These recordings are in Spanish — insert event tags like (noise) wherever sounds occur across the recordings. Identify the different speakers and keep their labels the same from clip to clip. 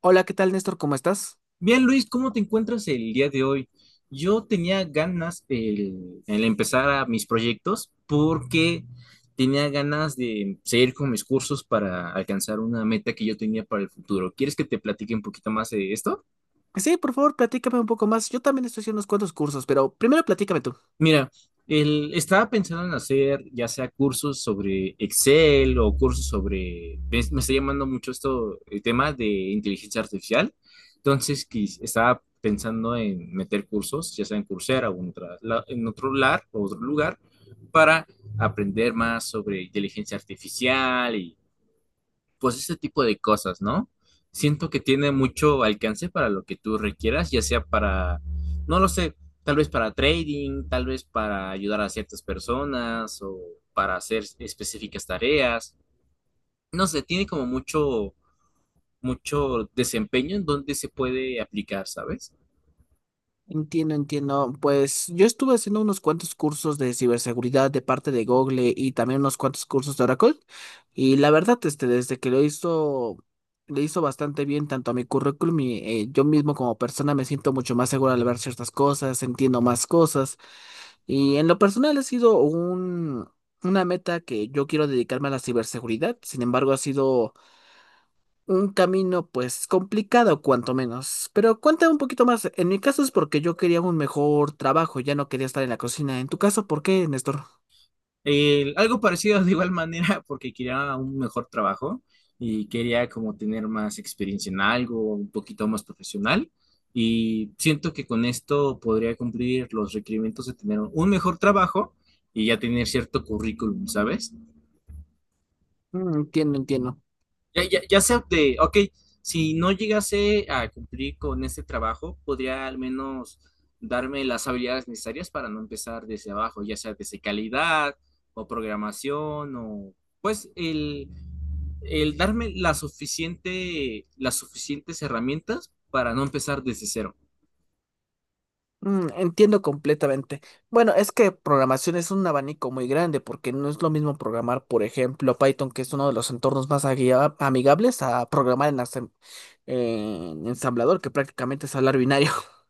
Speaker 1: Hola, ¿qué tal, Néstor? ¿Cómo estás?
Speaker 2: Bien, Luis, ¿cómo te encuentras el día de hoy? Yo tenía ganas el empezar a mis proyectos porque tenía ganas de seguir con mis cursos para alcanzar una meta que yo tenía para el futuro. ¿Quieres que te platique un poquito más de esto?
Speaker 1: Sí, por favor, platícame un poco más. Yo también estoy haciendo unos cuantos cursos, pero primero platícame tú.
Speaker 2: Mira, estaba pensando en hacer ya sea cursos sobre Excel o cursos sobre, me está llamando mucho esto, el tema de inteligencia artificial. Entonces, estaba pensando en meter cursos, ya sea en Coursera o en otro lugar, para aprender más sobre inteligencia artificial, pues ese tipo de cosas, ¿no? Siento que tiene mucho alcance para lo que tú requieras, ya sea para, no lo sé, tal vez para trading, tal vez para ayudar a ciertas personas o para hacer específicas tareas. No sé, tiene como mucho, mucho desempeño en donde se puede aplicar, ¿sabes?
Speaker 1: Entiendo, entiendo. Pues yo estuve haciendo unos cuantos cursos de ciberseguridad de parte de Google y también unos cuantos cursos de Oracle. Y la verdad, este, desde que lo hizo, le hizo bastante bien tanto a mi currículum y yo mismo como persona me siento mucho más seguro al ver ciertas cosas, entiendo más cosas. Y en lo personal ha sido una meta que yo quiero dedicarme a la ciberseguridad. Sin embargo, ha sido un camino, pues, complicado, cuanto menos. Pero cuéntame un poquito más. En mi caso es porque yo quería un mejor trabajo, ya no quería estar en la cocina. En tu caso, ¿por qué, Néstor?
Speaker 2: Algo parecido de igual manera porque quería un mejor trabajo y quería como tener más experiencia en algo, un poquito más profesional, y siento que con esto podría cumplir los requerimientos de tener un mejor trabajo y ya tener cierto currículum, ¿sabes?
Speaker 1: Mm, entiendo, entiendo.
Speaker 2: Ya sea de, ok, si no llegase a cumplir con este trabajo, podría al menos darme las habilidades necesarias para no empezar desde abajo, ya sea desde calidad o programación o pues el darme la suficiente, las suficientes herramientas para no empezar desde cero.
Speaker 1: Mm, entiendo completamente. Bueno, es que programación es un abanico muy grande, porque no es lo mismo programar, por ejemplo, Python, que es uno de los entornos más amigables, a programar en ensamblador, que prácticamente es hablar binario. (laughs)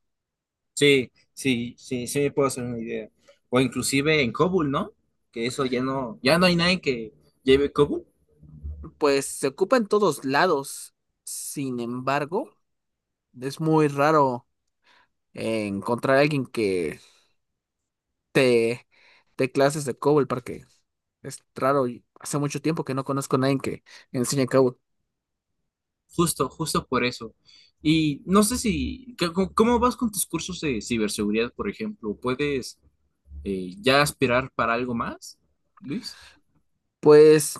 Speaker 2: Sí, sí, sí, sí me puedo hacer una idea. O inclusive en COBOL, ¿no? Que eso ya no, ya no hay nadie que lleve COBOL.
Speaker 1: Pues se ocupa en todos lados. Sin embargo, es muy raro. Encontrar a alguien que te dé clases de COBOL porque es raro y hace mucho tiempo que no conozco a nadie que enseñe COBOL.
Speaker 2: Justo, justo por eso. Y no sé si, ¿cómo vas con tus cursos de ciberseguridad, por ejemplo? ¿Puedes ya aspirar para algo más, Luis?
Speaker 1: Pues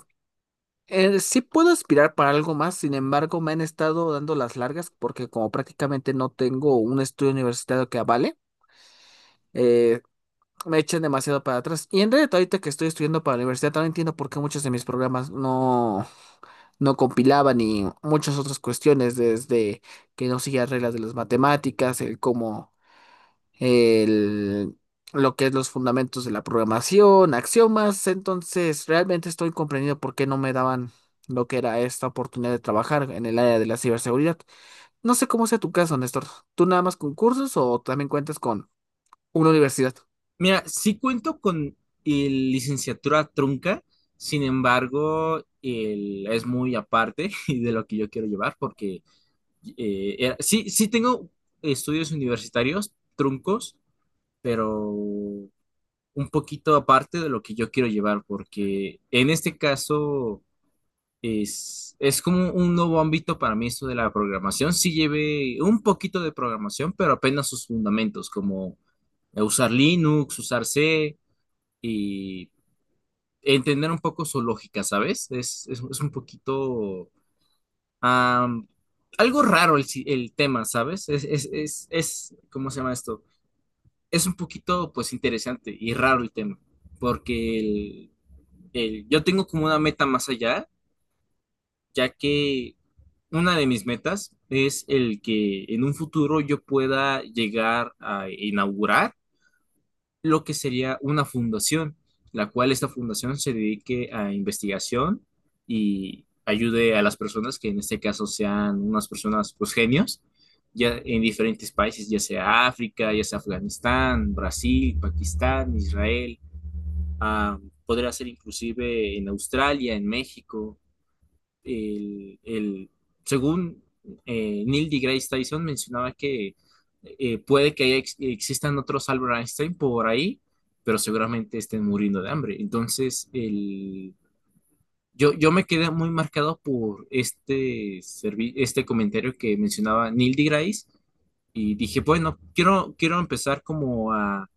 Speaker 1: sí puedo aspirar para algo más, sin embargo me han estado dando las largas porque como prácticamente no tengo un estudio universitario que avale, eh, me echan demasiado para atrás. Y en realidad ahorita que estoy estudiando para la universidad también entiendo por qué muchos de mis programas no compilaban y muchas otras cuestiones desde que no seguía reglas de las matemáticas, el cómo el- lo que es los fundamentos de la programación, axiomas. Entonces, realmente estoy comprendiendo por qué no me daban lo que era esta oportunidad de trabajar en el área de la ciberseguridad. No sé cómo sea tu caso, Néstor. ¿Tú nada más con cursos o también cuentas con una universidad?
Speaker 2: Mira, sí cuento con el licenciatura trunca, sin embargo, es muy aparte (laughs) de lo que yo quiero llevar, porque sí, sí tengo estudios universitarios truncos, pero un poquito aparte de lo que yo quiero llevar, porque en este caso es como un nuevo ámbito para mí esto de la programación. Sí llevé un poquito de programación, pero apenas sus fundamentos, como usar Linux, usar C y entender un poco su lógica, ¿sabes? Es un poquito am, algo raro el, el tema, ¿sabes? Es, ¿cómo se llama esto? Es un poquito, pues, interesante y raro el tema, porque yo tengo como una meta más allá, ya que una de mis metas es el que en un futuro yo pueda llegar a inaugurar lo que sería una fundación, la cual esta fundación se dedique a investigación y ayude a las personas que en este caso sean unas personas pues genios, ya en diferentes países, ya sea África, ya sea Afganistán, Brasil, Pakistán, Israel, ah, podría ser inclusive en Australia, en México, el, el- según Neil deGrasse Tyson mencionaba que puede que haya existan otros Albert Einstein por ahí, pero seguramente estén muriendo de hambre. Entonces, yo, yo me quedé muy marcado por este comentario que mencionaba Neil deGrasse y dije, bueno, quiero, quiero empezar como a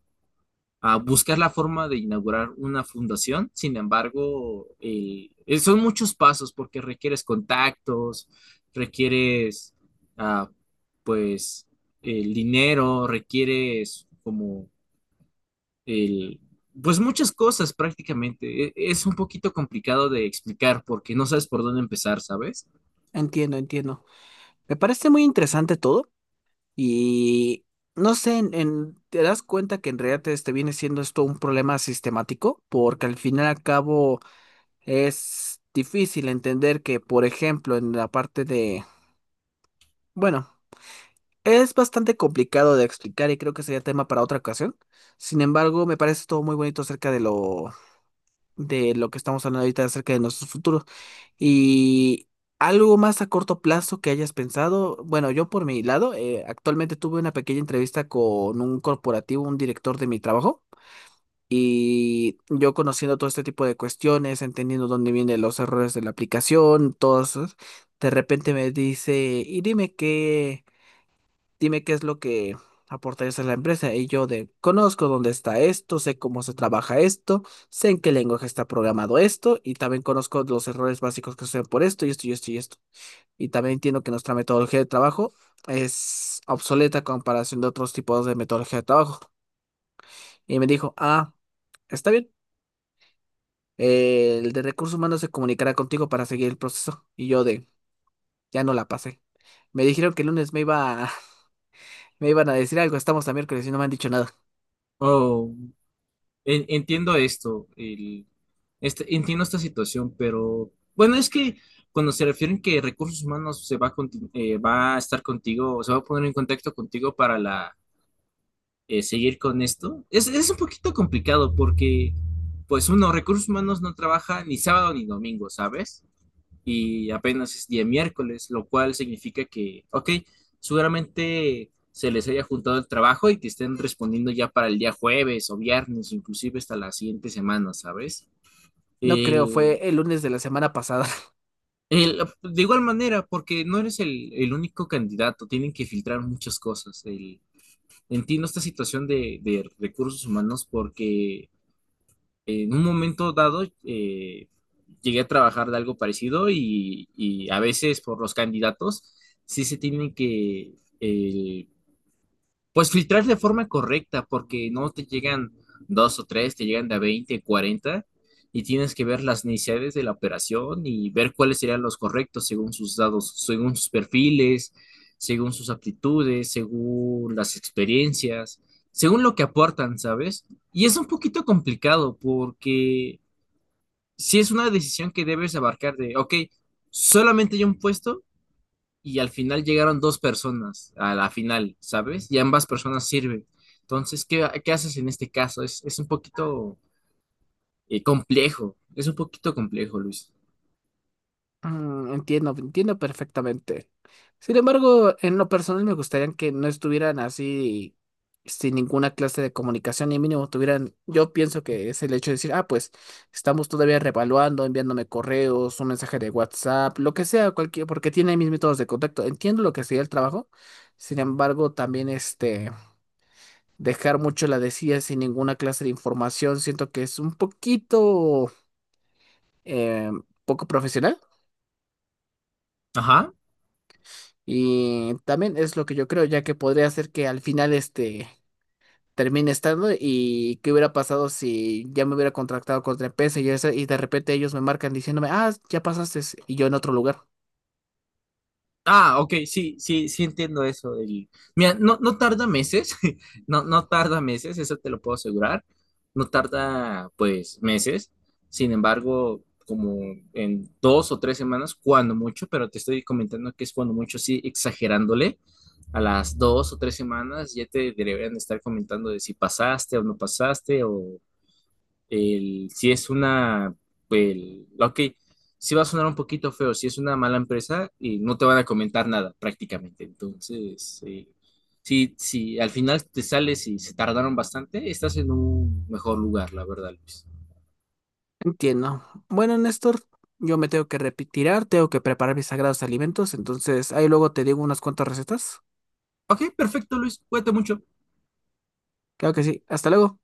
Speaker 2: buscar la forma de inaugurar una fundación. Sin embargo, son muchos pasos porque requieres contactos, requieres, ah, pues, el dinero, requieres como el, pues muchas cosas prácticamente. Es un poquito complicado de explicar porque no sabes por dónde empezar, ¿sabes?
Speaker 1: Entiendo, entiendo. Me parece muy interesante todo. Y no sé, te das cuenta que en realidad este viene siendo esto un problema sistemático, porque al final y al cabo es difícil entender que, por ejemplo, en la parte de, bueno, es bastante complicado de explicar y creo que sería tema para otra ocasión. Sin embargo, me parece todo muy bonito acerca de lo que estamos hablando ahorita acerca de nuestro futuro. Y algo más a corto plazo que hayas pensado, bueno, yo por mi lado, actualmente tuve una pequeña entrevista con un corporativo, un director de mi trabajo, y yo conociendo todo este tipo de cuestiones, entendiendo dónde vienen los errores de la aplicación, todos, de repente me dice, y dime qué es lo que aportarías a la empresa. Y yo de, conozco dónde está esto, sé cómo se trabaja esto, sé en qué lenguaje está programado esto, y también conozco los errores básicos que suceden por esto, y esto, y esto, y esto. Y también entiendo que nuestra metodología de trabajo es obsoleta a comparación de otros tipos de metodología de trabajo. Y me dijo, ah, está bien. El de recursos humanos se comunicará contigo para seguir el proceso. Y yo de, ya no la pasé. Me dijeron que el lunes (laughs) me iban a decir algo, estamos a miércoles y no me han dicho nada.
Speaker 2: O Entiendo esto, entiendo esta situación, pero bueno, es que cuando se refieren que recursos humanos se va a, va a estar contigo, o se va a poner en contacto contigo para la, seguir con esto, es un poquito complicado porque, pues uno, recursos humanos no trabaja ni sábado ni domingo, ¿sabes? Y apenas es día miércoles, lo cual significa que, ok, seguramente se les haya juntado el trabajo y que estén respondiendo ya para el día jueves o viernes, inclusive hasta la siguiente semana, ¿sabes?
Speaker 1: No creo,
Speaker 2: El,
Speaker 1: fue el lunes de la semana pasada. (laughs)
Speaker 2: de igual manera, porque no eres el único candidato, tienen que filtrar muchas cosas. Entiendo esta situación de recursos humanos porque en un momento dado llegué a trabajar de algo parecido y a veces por los candidatos sí se tiene que eh, pues filtrar de forma correcta, porque no te llegan dos o tres, te llegan de a 20, 40, y tienes que ver las necesidades de la operación y ver cuáles serían los correctos según sus dados, según sus perfiles, según sus aptitudes, según las experiencias, según lo que aportan, ¿sabes? Y es un poquito complicado porque si es una decisión que debes abarcar de, ok, solamente hay un puesto y al final llegaron dos personas a la final, ¿sabes? Y ambas personas sirven. Entonces, ¿qué, qué haces en este caso? Es un poquito complejo, es un poquito complejo, Luis.
Speaker 1: Mm, entiendo, entiendo perfectamente. Sin embargo, en lo personal me gustaría que no estuvieran así sin ninguna clase de comunicación y mínimo tuvieran, yo pienso que es el hecho de decir, ah, pues estamos todavía revaluando, enviándome correos, un mensaje de WhatsApp, lo que sea, cualquier, porque tiene mis métodos de contacto. Entiendo lo que sería el trabajo. Sin embargo, también este, dejar mucho la decía sin ninguna clase de información, siento que es un poquito eh, poco profesional.
Speaker 2: Ajá.
Speaker 1: Y también es lo que yo creo, ya que podría ser que al final este termine estando y qué hubiera pasado si ya me hubiera contractado contra empresa y, eso y de repente ellos me marcan diciéndome, ah, ya pasaste y yo en otro lugar.
Speaker 2: Ah, ok, sí, sí, sí entiendo eso. Mira, no, no tarda meses, (laughs) no, no tarda meses, eso te lo puedo asegurar. No tarda, pues, meses. Sin embargo, como en dos o tres semanas, cuando mucho, pero te estoy comentando que es cuando mucho, sí, exagerándole. A las dos o tres semanas ya te deberían estar comentando de si pasaste o no pasaste o si es una, ok, si va a sonar un poquito feo, si es una mala empresa, y no te van a comentar nada prácticamente. Entonces, si, si al final te sales y se tardaron bastante, estás en un mejor lugar, la verdad, Luis.
Speaker 1: Entiendo. Bueno, Néstor, yo me tengo que retirar, tengo que preparar mis sagrados alimentos, entonces ahí luego te digo unas cuantas recetas.
Speaker 2: Ok, perfecto, Luis, cuídate mucho.
Speaker 1: Claro que sí. Hasta luego.